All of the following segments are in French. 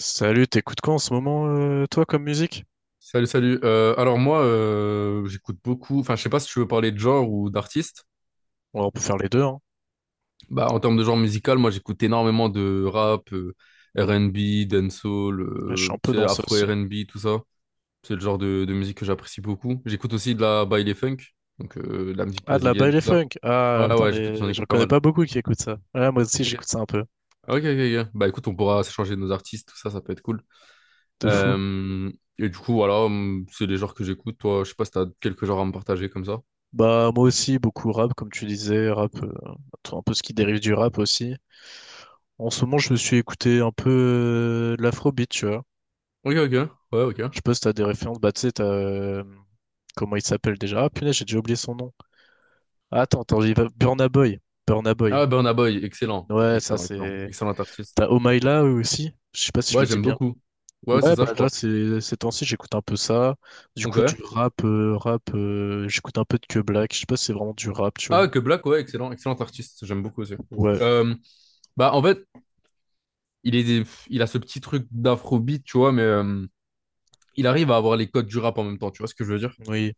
Salut, t'écoutes quoi en ce moment, toi, comme musique? Salut, salut. Alors moi, j'écoute beaucoup. Enfin, je sais pas si tu veux parler de genre ou d'artiste. Ouais, on peut faire les deux, hein. Bah, en termes de genre musical, moi, j'écoute énormément de rap, R&B, dancehall, Là, je suis un tu peu sais, dans ça afro aussi. R&B, tout ça. C'est le genre de musique que j'apprécie beaucoup. J'écoute aussi de la baile funk, donc de la musique Ah, de la brésilienne, baile tout ça. funk. Ah, Ouais, putain, ouais, j'écoute, j'en j'en écoute pas connais mal. pas beaucoup qui écoutent ça. Ouais, moi aussi, Ok. j'écoute ça un peu. Ok, ok, ok. Bah écoute, on pourra s'échanger nos artistes, tout ça, ça peut être cool. De fou. Euh, et du coup, voilà, c'est les genres que j'écoute. Toi, je sais pas si t'as quelques genres à me partager comme ça. Bah, moi aussi, beaucoup rap, comme tu disais, rap, un peu ce qui dérive du rap aussi. En ce moment, je me suis écouté un peu de l'afrobeat, tu vois. Ok, ok, ouais, ok. Je sais pas si t'as des références. Bah, tu sais, comment il s'appelle déjà? Ah, punaise, j'ai déjà oublié son nom. Ah, attends, j'y vais. Burna Boy. Burna Ah, Boy. ouais, Burna Boy, excellent. Ouais, ça, Excellent, excellent. c'est. Excellent artiste. T'as Omaïla aussi, je sais pas si je Ouais, le dis j'aime bien. beaucoup. Ouais, ouais, c'est Ouais, ça, je bah là, crois. Ces temps-ci, j'écoute un peu ça. Du coup, Ok. du rap, j'écoute un peu de Que Black. Je sais pas si c'est vraiment du rap, tu Ah, vois. que Black, ouais, excellent. Excellent artiste. J'aime beaucoup aussi. Ouais, Euh, Bah, en fait, il est, il a ce petit truc d'afrobeat, tu vois, mais il arrive à avoir les codes du rap en même temps. Tu vois ce que je veux dire? oui,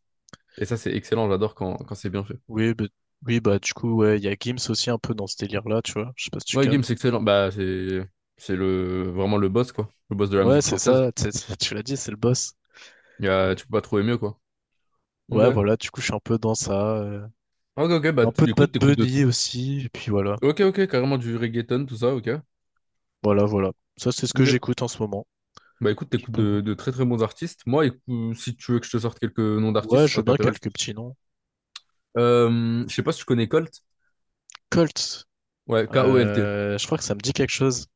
Et ça, c'est excellent. J'adore quand c'est bien fait. oui, bah, oui, bah du coup, ouais, il y a Gims aussi un peu dans ce délire-là, tu vois. Je sais pas si tu Ouais, Gims, c'est captes. excellent. Bah, c'est le, vraiment le boss, quoi. Le boss de la Ouais, musique c'est française. ça, tu sais, tu l'as dit, c'est le boss. Tu peux pas trouver mieux, quoi. Ok. Ouais, voilà, du coup, je suis un peu dans ça. Ok, ok. Bah, Un peu de du coup, Bad t'écoutes de. Bunny aussi, et puis voilà. Ok, ok. Carrément du reggaeton, tout ça, ok. Voilà, voilà. Ça, c'est ce que Ok. j'écoute en ce moment. Bah écoute, Je t'écoutes peux... de très très bons artistes. Moi, si tu veux que je te sorte quelques noms Ouais, d'artistes, je veux ça bien t'intéresse. quelques petits noms. Je sais pas si tu connais Colt. Colt. Ouais, K-O-L-T. Je crois que ça me dit quelque chose.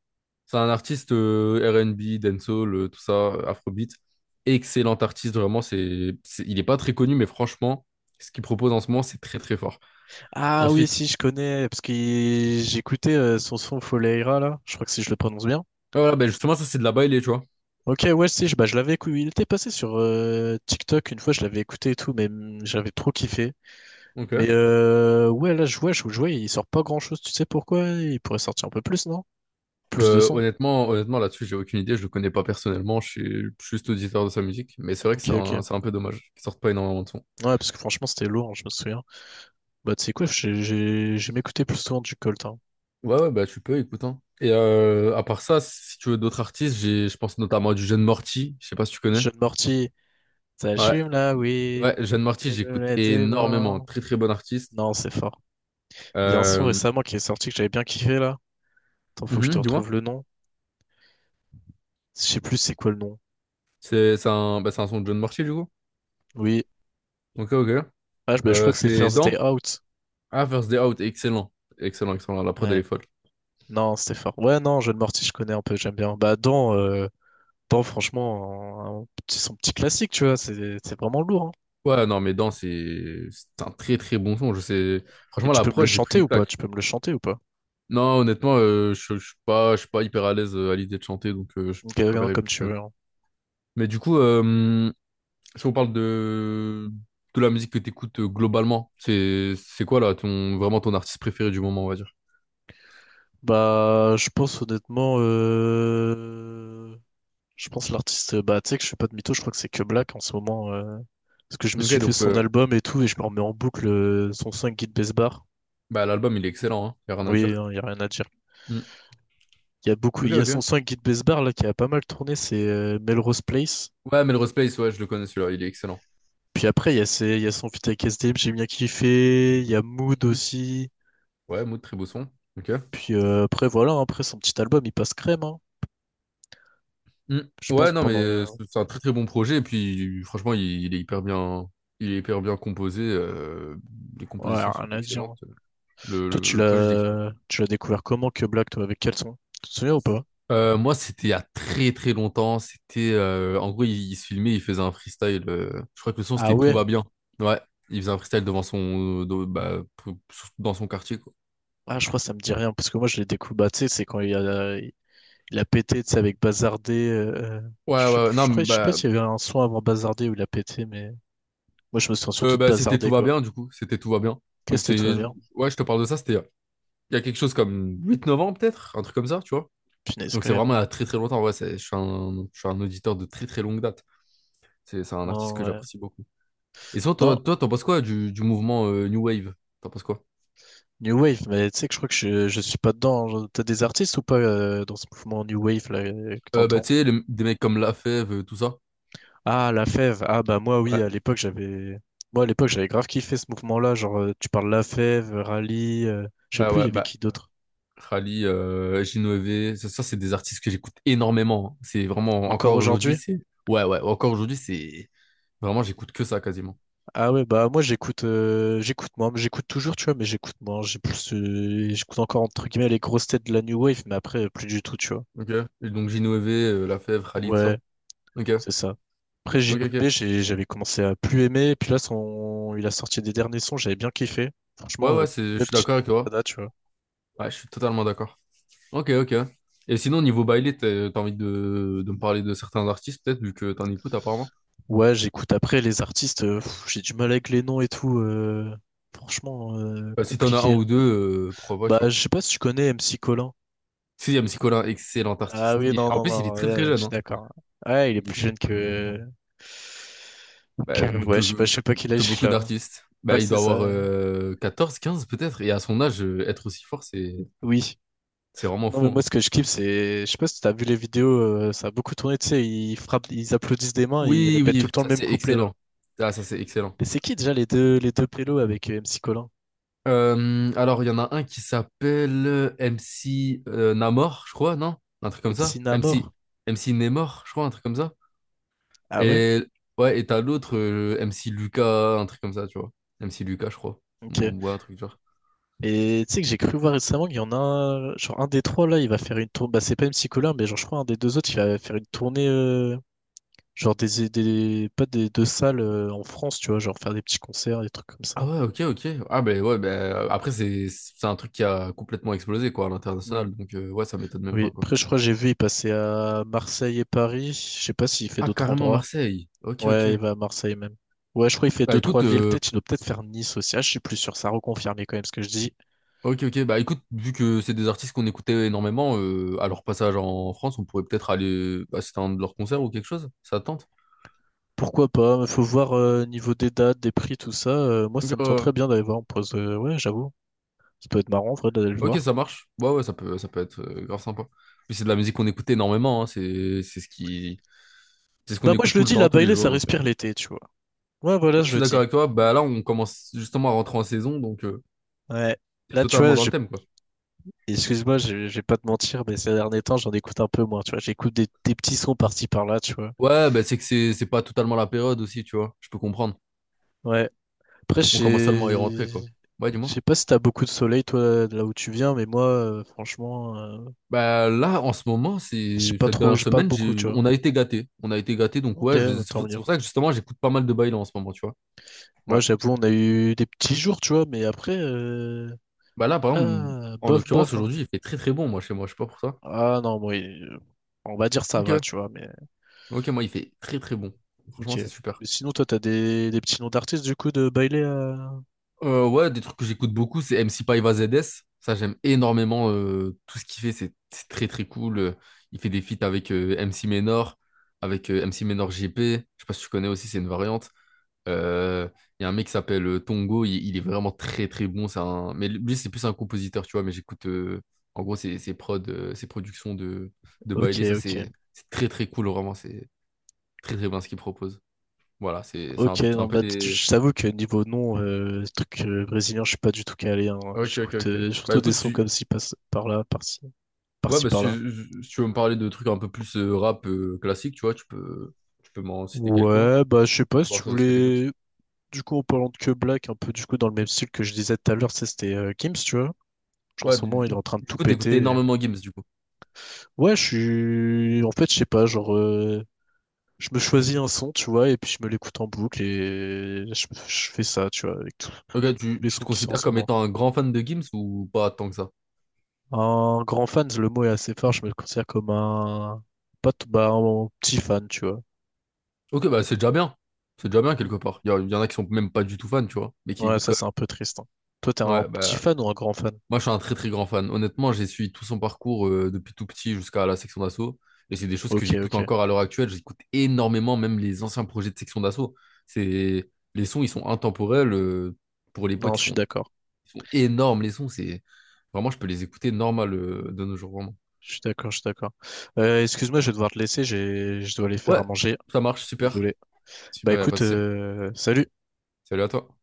C'est un artiste R and B, dancehall, tout ça, afrobeat. Excellent artiste, vraiment. Il est pas très connu, mais franchement, ce qu'il propose en ce moment, c'est très très fort. Ah oui, Ensuite, si, je connais, parce que j'écoutais son Foleira, là. Je crois que si je le prononce bien. ouais, voilà, ben justement, ça c'est de la baile, tu vois. Ok, ouais, si, je, bah, je l'avais écouté. Il était passé sur TikTok une fois, je l'avais écouté et tout, mais j'avais trop kiffé. Mais Ok. Ouais, là, je vois, il sort pas grand-chose. Tu sais pourquoi? Il pourrait sortir un peu plus, non? Plus de son. Honnêtement, là-dessus, j'ai aucune idée. Je le connais pas personnellement. Je suis juste auditeur de sa musique, mais c'est vrai que Ok, ok. C'est un peu dommage qu'il sorte pas énormément de son. Ouais, parce que franchement, c'était lourd, hein, je me souviens. Bah, tu sais quoi, j'ai m'écouté plus souvent du Colt, hein. Ouais, ouais, bah tu peux, écoute. Hein. Et à part ça, si tu veux d'autres artistes, je pense notamment à du Jeune Morty. Je sais pas si tu connais. Jeune Morty, ça Ouais, fume là, oui. ouais, Jeune Morty, Je vais me j'écoute mettre les énormément. mains. Très, très bon artiste. Non, c'est fort. Il y a un son Euh, récemment qui est sorti que j'avais bien kiffé là. Attends, faut que je te mhm, dis-moi. retrouve le nom. Je sais plus c'est quoi le nom. C'est un, bah, c'est un son de Jeune Morty, du coup. Oui. Ok, ok. Ah, je, bah, je crois que c'est C'est First Day dans. Out. Ah, First Day Out, excellent. Excellent, excellent. La prod, elle Ouais. est folle. Non, c'était fort. Ouais, non, John Morty, je connais un peu, j'aime bien. Bah, dans, franchement, son petit classique, tu vois, c'est vraiment lourd, hein. Ouais, non, mais dans, c'est un très, très bon son. Je sais. Et Franchement, tu la peux me le prod, j'ai pris chanter une ou pas? plaque. Tu peux me le chanter ou pas? Non, honnêtement, je suis pas hyper à l'aise à l'idée de chanter, donc je, Ok, je hein, préfère comme éviter. tu veux, hein. Mais du coup, si on parle de la musique que tu écoutes globalement, c'est quoi là ton vraiment ton artiste préféré du moment, on va dire. Bah, je pense honnêtement. Je pense l'artiste, bah tu sais que je suis pas de mytho, je crois que c'est que Black en ce moment. Parce que je me Ok, suis fait donc son album et tout, et je me remets en boucle son 5 Guide Besbar. bah, l'album il est excellent, hein, y a rien à Oui, dire. hein, y a rien à dire. Hmm. Il y a beaucoup, Ok, il y a son ok. 5 Guide Besbar là qui a pas mal tourné, c'est Melrose Place. Ouais, Melrose Place, ouais, je le connais celui-là, il est excellent. Puis après, il y a son feat avec SDM, j'ai bien kiffé. Il y a Mood Hmm. aussi. Ouais, Maud, très beau son. Ok. Puis, après, voilà, hein, après son petit album, il passe crème, hein. Hmm. Je Ouais, pense non, mais pendant le. C'est un très très bon projet, et puis franchement, il est hyper bien. Il est hyper bien composé, les Ouais, compositions sont rien à dire. excellentes. hein. Le, Toi, le- tu le projet, je l'ai l'as, tu l'as découvert comment que Black, toi, avec quel son? Tu te souviens ou pas? Moi, c'était il y a très très longtemps. C'était en gros, il se filmait, il faisait un freestyle. Je crois que le son Ah c'était Tout ouais. va bien. Ouais, il faisait un freestyle devant son bah, dans son quartier quoi. Ah, je crois que ça me dit rien, parce que moi, je l'ai découvert, bah, tu sais, c'est quand il a pété, tu sais, avec Bazardé. euh, euh, Ouais, je sais, ouais, ouais. je Non, crois, mais, je sais pas bah, s'il y avait un son avant Bazardé où il a pété, mais moi, je me souviens surtout de c'était Tout Bazardé, va quoi. bien du coup. C'était Tout va bien. Donc Qu'est-ce que tout c'est bien? ouais, je te parle de ça. C'était il y a quelque chose comme 8, 9 ans peut-être, un truc comme ça, tu vois. Punaise, Donc quand c'est même. vraiment il y a hein. très très longtemps. Ouais, je suis un auditeur de très très longue date. C'est un artiste Non, que ouais. j'apprécie beaucoup. Et sinon, toi, Non, toi, t'en penses quoi du mouvement New Wave? T'en penses quoi? New Wave, mais tu sais que je crois que je suis pas dedans. Genre, t'as des artistes ou pas dans ce mouvement New Wave, là, que Bah, tu t'entends? sais, des mecs comme Lafèvre, tout ça. Ah, La Fève. Ah, bah, moi, oui, Ouais, à l'époque, j'avais. Moi, à l'époque, j'avais grave kiffé ce mouvement-là. Genre, tu parles La Fève, Rallye, je sais ouais, plus, il y ouais, avait bah, qui d'autre? Khali, Ginovè, ça, c'est des artistes que j'écoute énormément. C'est vraiment, Encore encore aujourd'hui, aujourd'hui? c'est. Ouais, ouais, encore aujourd'hui, c'est. Vraiment, j'écoute que ça quasiment. Ah ouais, bah moi j'écoute moi, j'écoute toujours, tu vois, mais j'écoute moi j'ai plus j'écoute encore entre guillemets les grosses têtes de la New Wave, mais après plus du tout, tu vois. Ok. Et donc Ginovè, Lafèvre, Khalid, ça. Ouais, Ok. c'est ça. Après Ok, Inoue, ok. j'avais commencé à plus aimer, puis là son il a sorti des derniers sons, j'avais bien kiffé. Ouais, Franchement, ouais, Je belle suis petite d'accord avec toi. remontada, tu vois. Ouais, je suis totalement d'accord. Ok, ok. Et sinon, niveau baile, t'as envie de me parler de certains artistes, peut-être, vu que t'en écoutes apparemment. Ouais, j'écoute après les artistes, j'ai du mal avec les noms et tout. Franchement, Bah, si t'en as un compliqué. ou deux, pourquoi pas, tu Bah vois. je sais pas si tu connais MC Colin. Sixième, c'est Colin, excellent Ah artiste. oui, Et non, en non, plus, il non, est très ouais, très ouais, je jeune, suis hein. d'accord. Ouais, il est Il est- plus jeune que. Bah, Ouais, je sais pas, quel que âge il beaucoup a, hein. d'artistes. Bah, Ouais, il c'est doit ça, avoir ouais. 14, 15 peut-être. Et à son âge, être aussi fort, c'est Oui. c'est vraiment Non, fou. mais Hein. moi, ce que je kiffe, c'est. Je sais pas si t'as vu les vidéos, ça a beaucoup tourné, tu sais, ils frappent, ils applaudissent des mains et ils Oui, répètent tout oui, le temps le ça même c'est couplet, là. excellent. Ah, ça c'est excellent. Et c'est qui, déjà, les deux pélos avec MC Colin? Alors, il y en a un qui s'appelle MC Namor, je crois, non? Un truc comme MC ça. MC, Namor? MC Nemor, je crois, un truc comme ça. Ah ouais? Et ouais, et t'as l'autre, MC Lucas, un truc comme ça, tu vois. MC Lucas, je crois. Ok. Ou ouais, un truc du genre. Et tu sais que j'ai cru voir récemment qu'il y en a un, genre un des trois là, il va faire une tournée. Bah, c'est pas MC Colin, mais genre je crois un des deux autres, il va faire une tournée. Genre des pas des deux salles en France, tu vois, genre faire des petits concerts, des trucs comme Ah ça. ouais, ok, ok. Ah ben ouais, ben après c'est un truc qui a complètement explosé quoi à Hmm. l'international, donc ouais, ça m'étonne même Oui, pas quoi. après je crois que j'ai vu, il passait à Marseille et Paris. Je sais pas s'il fait Ah d'autres carrément endroits. Marseille. Ok, ok. Ouais, il va à Marseille même. Ouais, je crois qu'il fait Bah deux, écoute, trois villes. Peut-être, il doit peut-être faire Nice aussi. Ah, je suis plus sûr, ça a reconfirmé quand même ce que je dis. ok, ok. Bah écoute, vu que c'est des artistes qu'on écoutait énormément à leur passage en France, on pourrait peut-être aller assister à un de leurs concerts ou quelque chose. Ça te tente? Pourquoi pas? Mais faut voir niveau des dates, des prix, tout ça. Moi, Donc, ça me tente très bien d'aller voir en pause. Ouais, j'avoue. Ça peut être marrant en vrai d'aller le ok, voir. ça marche. Ouais, ouais, ça peut être grave sympa. Puis c'est de la musique qu'on écoutait énormément. Hein, c'est c'est ce qu'on Bah moi écoute je le tout le dis, temps, la tous les Bailey, jours. ça Donc, respire l'été, tu vois. Ouais, voilà, ouais, je je suis le d'accord dis. avec toi. Hmm. Bah là, on commence justement à rentrer en saison, donc. Ouais. C'est Là, tu vois, totalement dans le thème, quoi. Excuse-moi, je vais pas te mentir, mais ces derniers temps, j'en écoute un peu moins, tu vois. J'écoute des petits sons par-ci par-là, tu vois. Ouais, bah, c'est que c'est pas totalement la période aussi, tu vois. Je peux comprendre. Ouais. Après, On commence seulement à y rentrer, quoi. sais Ouais, dis-moi. je sais pas si t'as beaucoup de soleil, toi, de là où tu viens, mais moi, franchement, Bah, là, en ce moment, j'ai c'est pas cette trop, dernière j'ai pas semaine, beaucoup, tu vois. on a été gâtés. On a été gâtés, donc Ok, ouais, bah, c'est tant pour c'est mieux. pour ça que justement, j'écoute pas mal de bails en ce moment, tu vois. Moi, Ouais. j'avoue, on a eu des petits jours, tu vois, mais après, Bah là, par exemple, là, en bof, l'occurrence, bof, hein. aujourd'hui, il fait très très bon, moi, chez moi. Je sais pas pour toi. Ah non, bon, on va dire ça va, Ok. tu vois, mais Ok, moi, il fait très très bon. ok. Franchement, c'est super. Mais sinon, toi, t'as des petits noms d'artistes, du coup, de bailer. Ouais, des trucs que j'écoute beaucoup, c'est MC Paiva ZS. Ça, j'aime énormément tout ce qu'il fait. C'est très, très cool. Il fait des feats avec MC Menor, avec MC Menor GP. Je sais pas si tu connais aussi, c'est une variante. Euh, Il y a un mec qui s'appelle Tongo. Il est vraiment très, très bon. Mais lui, c'est plus un compositeur, tu vois. Mais j'écoute, en gros, ses prods, ses productions de Ok, Baile. Ça, ok. c'est très, très cool. Vraiment, c'est très, très bien ce qu'il propose. Voilà, Ok, c'est un non, peu bah, des... je t'avoue que niveau nom, truc brésilien, je suis pas du tout calé, hein. Ok, ok, J'écoute ok. Bah surtout des écoute, sons si, comme ci, par là, par ci, par Ouais, ci, bah, par si, là. si tu veux me parler de trucs un peu plus rap classique, tu vois, tu peux m'en citer quelques-uns, Ouais, bah je sais pas si tu voir ce que t'écoutes. voulais. Du coup, en parlant de que Black, un peu du coup dans le même style que je disais tout à l'heure, ça c'était Gims, tu vois. Genre en Ouais, ce moment, il est du, en train de du tout coup, péter. t'écoutes et- énormément Gims, du coup. Ouais, je suis. En fait, je sais pas, genre, je me choisis un son, tu vois, et puis je me l'écoute en boucle et je fais ça, tu vois, avec tous Ok, tu, les tu te sons qui sont en considères ce comme moment. étant un grand fan de Gims ou pas tant que ça? Un grand fan, le mot est assez fort, je me considère comme un. Pas t- bah, un petit fan, tu vois. Ok, bah c'est déjà bien. C'est déjà bien Mm. quelque part. Y en a qui sont même pas du tout fans, tu vois, mais qui Ouais, écoutent ça quand c'est un peu triste, hein. Toi, t'es même. un Ouais, petit bah. fan ou un grand fan? Moi, je suis un très très grand fan. Honnêtement, j'ai suivi tout son parcours depuis tout petit jusqu'à la section d'assaut. Et c'est des choses que Ok, j'écoute ok. encore à l'heure actuelle. J'écoute énormément, même les anciens projets de section d'assaut. C'est... Les sons, ils sont intemporels. Pour Non, l'époque, je suis d'accord. ils sont énormes. Les sons, c'est vraiment, je peux les écouter normal de nos jours, vraiment. Je suis d'accord, je suis d'accord. Excuse-moi, je vais devoir te laisser, je dois aller faire Ouais, à manger. ça marche, super. Désolé. Bah Super, y a pas écoute, de souci. Salut. Salut à toi.